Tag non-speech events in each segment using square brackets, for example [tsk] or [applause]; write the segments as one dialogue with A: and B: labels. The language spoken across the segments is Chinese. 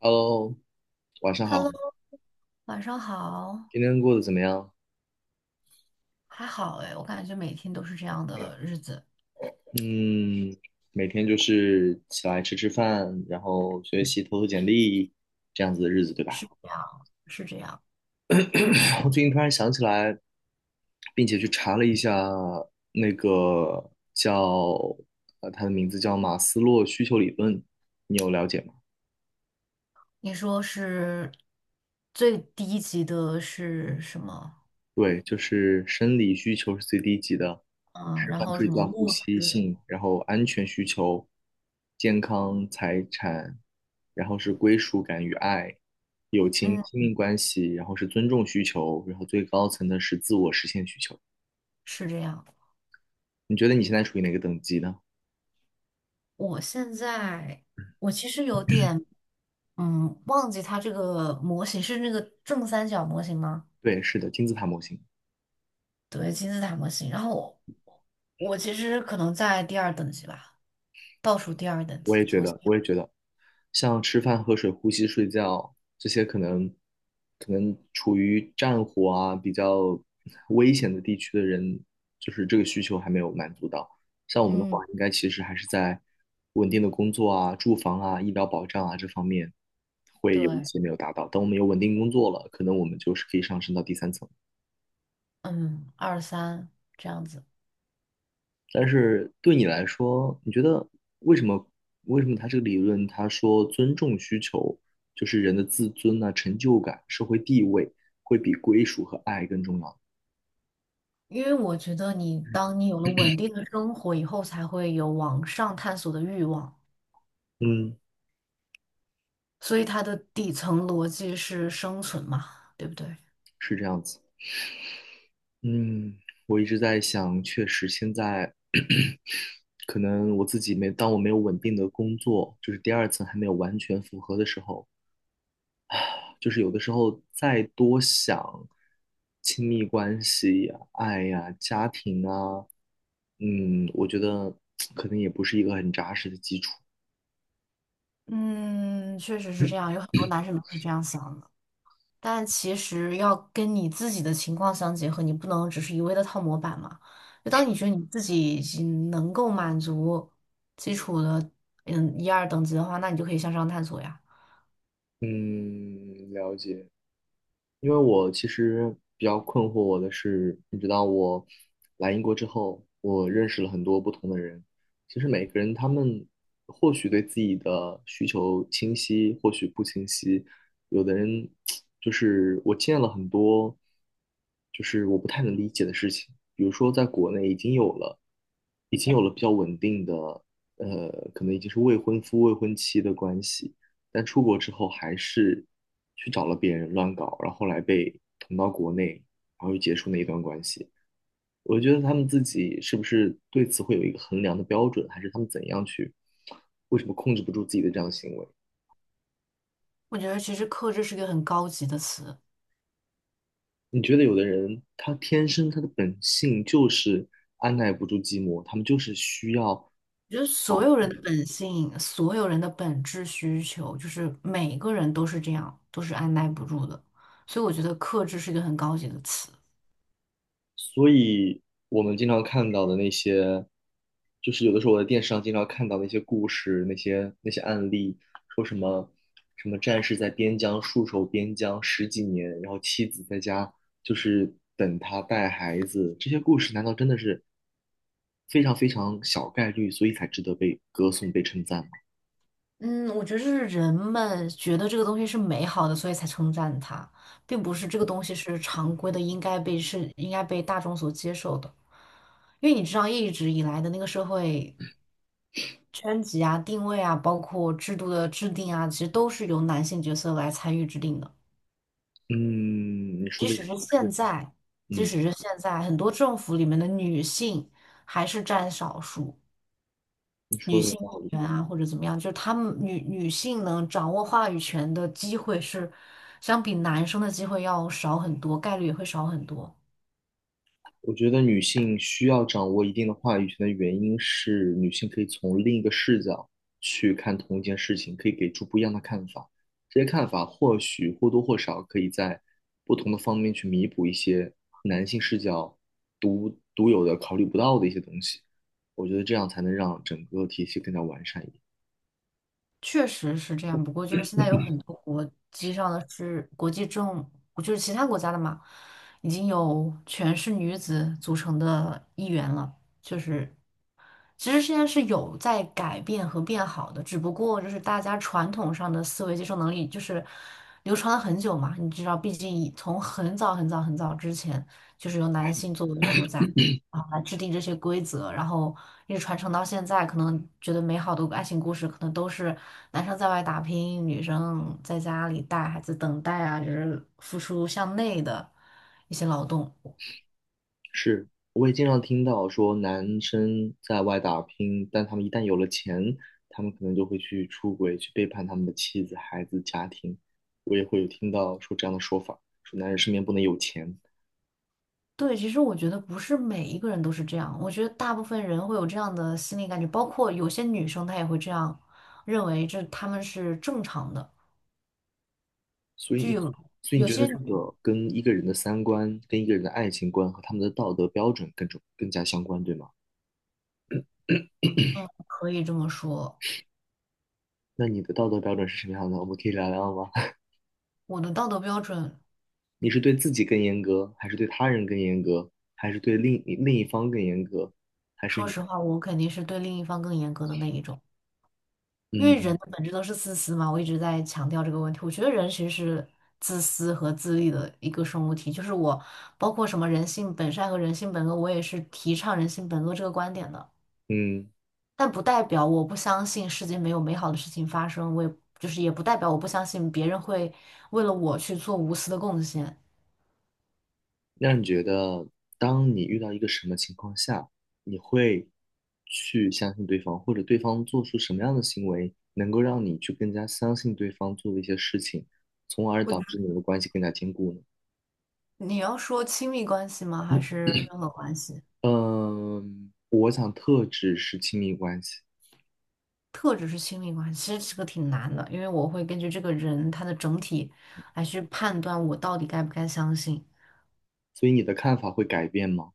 A: Hello，晚上
B: Hello，
A: 好，
B: 晚上好，
A: 今天过得怎么样？
B: 还好哎，我感觉每天都是这样的日子，
A: 嗯，每天就是起来吃吃饭，然后学习、投投简历，这样子的日子，对吧？
B: 是这样，是这样。
A: [coughs] [clears throat] 我最近突然想起来，并且去查了一下那个叫它的名字叫马斯洛需求理论，你有了解吗？
B: 你说是最低级的是什么？
A: 对，就是生理需求是最低级的，
B: 嗯，
A: 吃
B: 然
A: 饭、
B: 后什
A: 睡
B: 么
A: 觉、呼
B: 物
A: 吸、
B: 质？
A: 性，然后安全需求、健康、财产，然后是归属感与爱、友情、亲
B: 嗯，
A: 密关系，然后是尊重需求，然后最高层的是自我实现需求。
B: 是这样。
A: 你觉得你现在处于哪个等级呢？
B: 我现在我其实有点忘记它这个模型是那个正三角模型吗？
A: 对，是的，金字塔模型。
B: 对，金字塔模型。然后我其实可能在第二等级吧，倒数第二等
A: 我也
B: 级，
A: 觉
B: 从下
A: 得，我也觉得，像吃饭、喝水、呼吸、睡觉这些，可能处于战火啊比较 [laughs] 危险的地区的人，就是这个需求还没有满足到。像我们的话，
B: 嗯。
A: 应该其实还是在稳定的工作啊、住房啊、医疗保障啊这方面会有一
B: 对，
A: 些没有达到。等我们有稳定工作了，可能我们就是可以上升到第三层。
B: 嗯，二三这样子，
A: 但是对你来说，你觉得为什么为什么他这个理论他说尊重需求就是人的自尊啊、成就感、社会地位会比归属和爱更重要？
B: 因为我觉得当你有了稳定的生活以后，才会有往上探索的欲望，
A: 嗯，
B: 所以它的底层逻辑是生存嘛，对不对？
A: 是这样子。嗯，我一直在想，确实现在 [coughs] [clears throat] 可能我自己没，当我没有稳定的工作，就是第二层还没有完全符合的时候，就是有的时候再多想亲密关系呀、爱呀、家庭啊，嗯，我觉得可能也不是一个很扎实的基础。
B: 嗯，确实是这样，有很多男生都是这样想的，但其实要跟你自己的情况相结合，你不能只是一味的套模板嘛。就当你觉得你自己已经能够满足基础的一二等级的话，那你就可以向上探索呀。
A: 嗯，了解。因为我其实比较困惑我的是，你知道我来英国之后，我认识了很多不同的人。其实每个人他们或许对自己的需求清晰，或许不清晰。有的人 [tsk] 就是我见了很多，就是我不太能理解的事情。比如说，在国内已经有了，已经有了比较稳定的，可能已经是未婚夫、未婚妻的关系。但出国之后还是去找了别人乱搞，然后后来被捅到国内，然后又结束那一段关系。我觉得他们自己是不是对此会有一个衡量的标准，还是他们怎样去，为什么控制不住自己的这样的行为？
B: 我觉得其实克制是一个很高级的词。
A: 你觉得有的人他天生他的本性就是按耐不住寂寞，他们就是需要
B: 我觉得所
A: 找
B: 有人
A: 别人
B: 的本性，所有人的本质需求，就是每个人都是这样，都是按耐不住的。所以我觉得克制是一个很高级的词。
A: 所以我们经常看到的那些，就是有的时候我在电视上经常看到那些故事，那些案例，说什么什么战士在边疆戍守边疆十几年，然后妻子在家就是等他带孩子，这些故事难道真的是非常非常小概率，所以才值得被歌颂、被称赞吗？
B: 嗯，我觉得是人们觉得这个东西是美好的，所以才称赞它，并不是这个东西是常规的，应该被大众所接受的。因为你知道，一直以来的那个社会圈级啊、定位啊，包括制度的制定啊，其实都是由男性角色来参与制定的。
A: 嗯，你说
B: 即
A: 的
B: 使
A: 是，
B: 是
A: 是
B: 现
A: 的
B: 在，即
A: 嗯，
B: 使是现在，很多政府里面的女性还是占少数，
A: 你说
B: 女
A: 的有
B: 性
A: 道
B: 议
A: 理。
B: 员啊或者怎么样，就是她们女性能掌握话语权的机会是相比男生的机会要少很多，概率也会少很多。
A: 我觉得女性需要掌握一定的话语权的原因是，女性可以从另一个视角去看同一件事情，可以给出不一样的看法。这些看法或许或多或少可以在不同的方面去弥补一些男性视角独独有的考虑不到的一些东西。我觉得这样才能让整个体系更加完善一点。
B: 确实是这样，不过就是现在有很多国际上的是国际政，就是其他国家的嘛，已经有全是女子组成的议员了，就是其实现在是有在改变和变好的，只不过就是大家传统上的思维接受能力就是流传了很久嘛，你知道，毕竟以从很早之前，就是由男性作为主宰啊来制定这些规则，然后一直传承到现在，可能觉得美好的爱情故事，可能都是男生在外打拼，女生在家里带孩子等待啊，就是付出向内的一些劳动。
A: 是，我也经常听到说男生在外打拼，但他们一旦有了钱，他们可能就会去出轨，去背叛他们的妻子、孩子、家庭。我也会有听到说这样的说法，说男人身边不能有钱。
B: 对，其实我觉得不是每一个人都是这样，我觉得大部分人会有这样的心理感觉，包括有些女生她也会这样认为，这她们是正常的。
A: 所以
B: 就
A: 你
B: 有
A: 所以你
B: 有
A: 觉得
B: 些
A: 这
B: 女，
A: 个跟一个人的三观、跟一个人的爱情观和他们的道德标准更重、更加相关，对吗？
B: 嗯，可以这么说，
A: 那你的道德标准是什么样的？我们可以聊聊吗？[laughs]
B: 我的道德标准，
A: 你是对自己更严格，还是对他人更严格，还是对另一方更严格，还是
B: 说
A: 你？
B: 实话，我肯定是对另一方更严格的那一种，因为人
A: 嗯，
B: 的本质都是自私嘛，我一直在强调这个问题。我觉得人其实是自私和自利的一个生物体，就是我包括什么人性本善和人性本恶，我也是提倡人性本恶这个观点的。
A: 嗯，
B: 但不代表我不相信世界没有美好的事情发生，我也就是也不代表我不相信别人会为了我去做无私的贡献。
A: 那你觉得，当你遇到一个什么情况下，你会去相信对方，或者对方做出什么样的行为，能够让你去更加相信对方做的一些事情，从而
B: 我
A: 导
B: 觉
A: 致你们的关系更加坚固呢？
B: 得你要说亲密关系吗？还
A: 嗯，
B: 是任何关系？
A: 嗯，我想特指是亲密关系，
B: 特指是亲密关系，其实这个挺难的，因为我会根据这个人他的整体来去判断我到底该不该相信。
A: 所以你的看法会改变吗？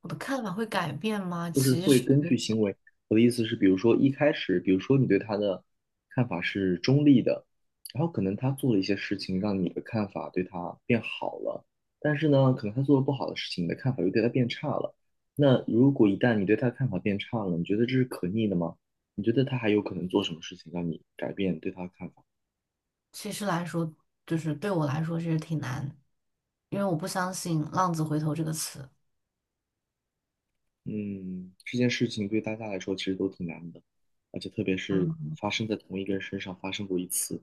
B: 我的看法会改变吗？
A: 就是
B: 其
A: 会
B: 实
A: 根据行为。我的意思是，比如说一开始，比如说你对他的看法是中立的，然后可能他做了一些事情，让你的看法对他变好了，但是呢，可能他做了不好的事情，你的看法又对他变差了。那如果一旦你对他的看法变差了，你觉得这是可逆的吗？你觉得他还有可能做什么事情让你改变对他的看法？
B: 其实来说，就是对我来说其实挺难，因为我不相信“浪子回头”这个词。
A: 嗯，这件事情对大家来说其实都挺难的，而且特别是
B: 嗯
A: 发生在同一个人身上发生过一次。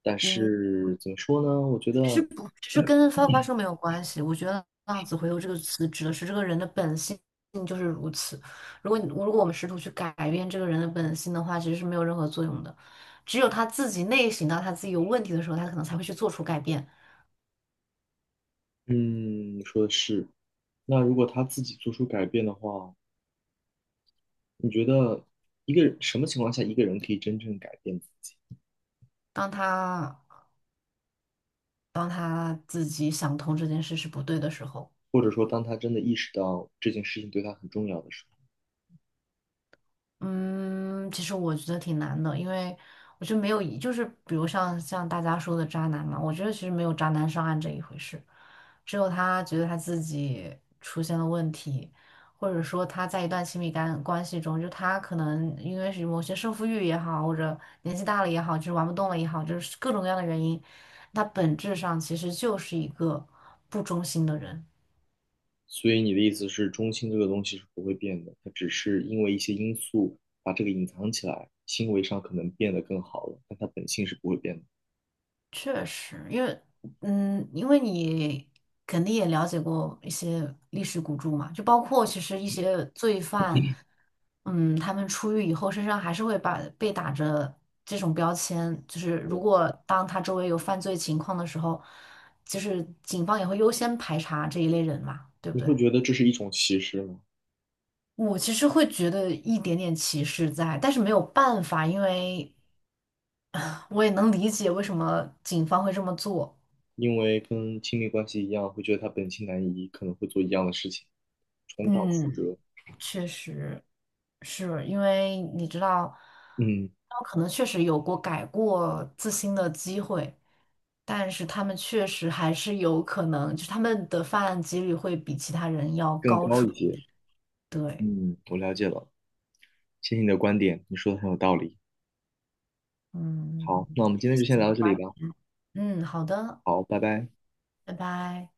A: 但
B: 嗯。
A: 是怎么说呢？我觉得，
B: 其实跟发不发生没有关系。我觉得“浪子回头”这个词指的是这个人的本性就是如此。如果我们试图去改变这个人的本性的话，其实是没有任何作用的。只有他自己内省到他自己有问题的时候，他可能才会去做出改变。
A: 嗯，你说的是。那如果他自己做出改变的话，你觉得一个人什么情况下一个人可以真正改变自己？
B: 当他当他自己想通这件事是不对的时候。
A: 或者说，当他真的意识到这件事情对他很重要的时候，
B: 嗯，其实我觉得挺难的，因为我觉得没有一就是比如像大家说的渣男嘛，我觉得其实没有渣男上岸这一回事，只有他觉得他自己出现了问题，或者说他在一段亲密感关系中，就他可能因为是某些胜负欲也好，或者年纪大了也好，就是玩不动了也好，就是各种各样的原因，他本质上其实就是一个不忠心的人。
A: 所以你的意思是，中性这个东西是不会变的，它只是因为一些因素把这个隐藏起来，行为上可能变得更好了，但它本性是不会变的。
B: 确实，因为嗯，因为你肯定也了解过一些历史古著嘛，就包括其实一些罪犯，嗯，他们出狱以后身上还是会把被打着这种标签，就是如
A: 对，
B: 果当他周围有犯罪情况的时候，就是警方也会优先排查这一类人嘛，对不
A: 你会
B: 对？
A: 觉得这是一种歧视吗？
B: 我其实会觉得一点点歧视在，但是没有办法，因为 [laughs] 啊我也能理解为什么警方会这么做，
A: 因为跟亲密关系一样，会觉得他本性难移，可能会做一样的事情，重蹈覆
B: 嗯。
A: 辙，
B: 确实是因为你知道，
A: 嗯，
B: 他们可能确实有过改过自新的机会，但是他们确实还是有可能，就是他们的犯案几率会比其他人要
A: 更
B: 高
A: 高
B: 出
A: 一
B: 一
A: 些。
B: 点对，
A: 嗯，我了解了，谢谢你的观点，你说的很有道理。
B: 嗯，
A: 好，那我们今
B: 谢
A: 天就
B: 谢
A: 先
B: 你
A: 聊
B: 的
A: 到这里
B: 关
A: 吧。
B: 嗯，好的，
A: 好，拜拜。
B: 拜拜。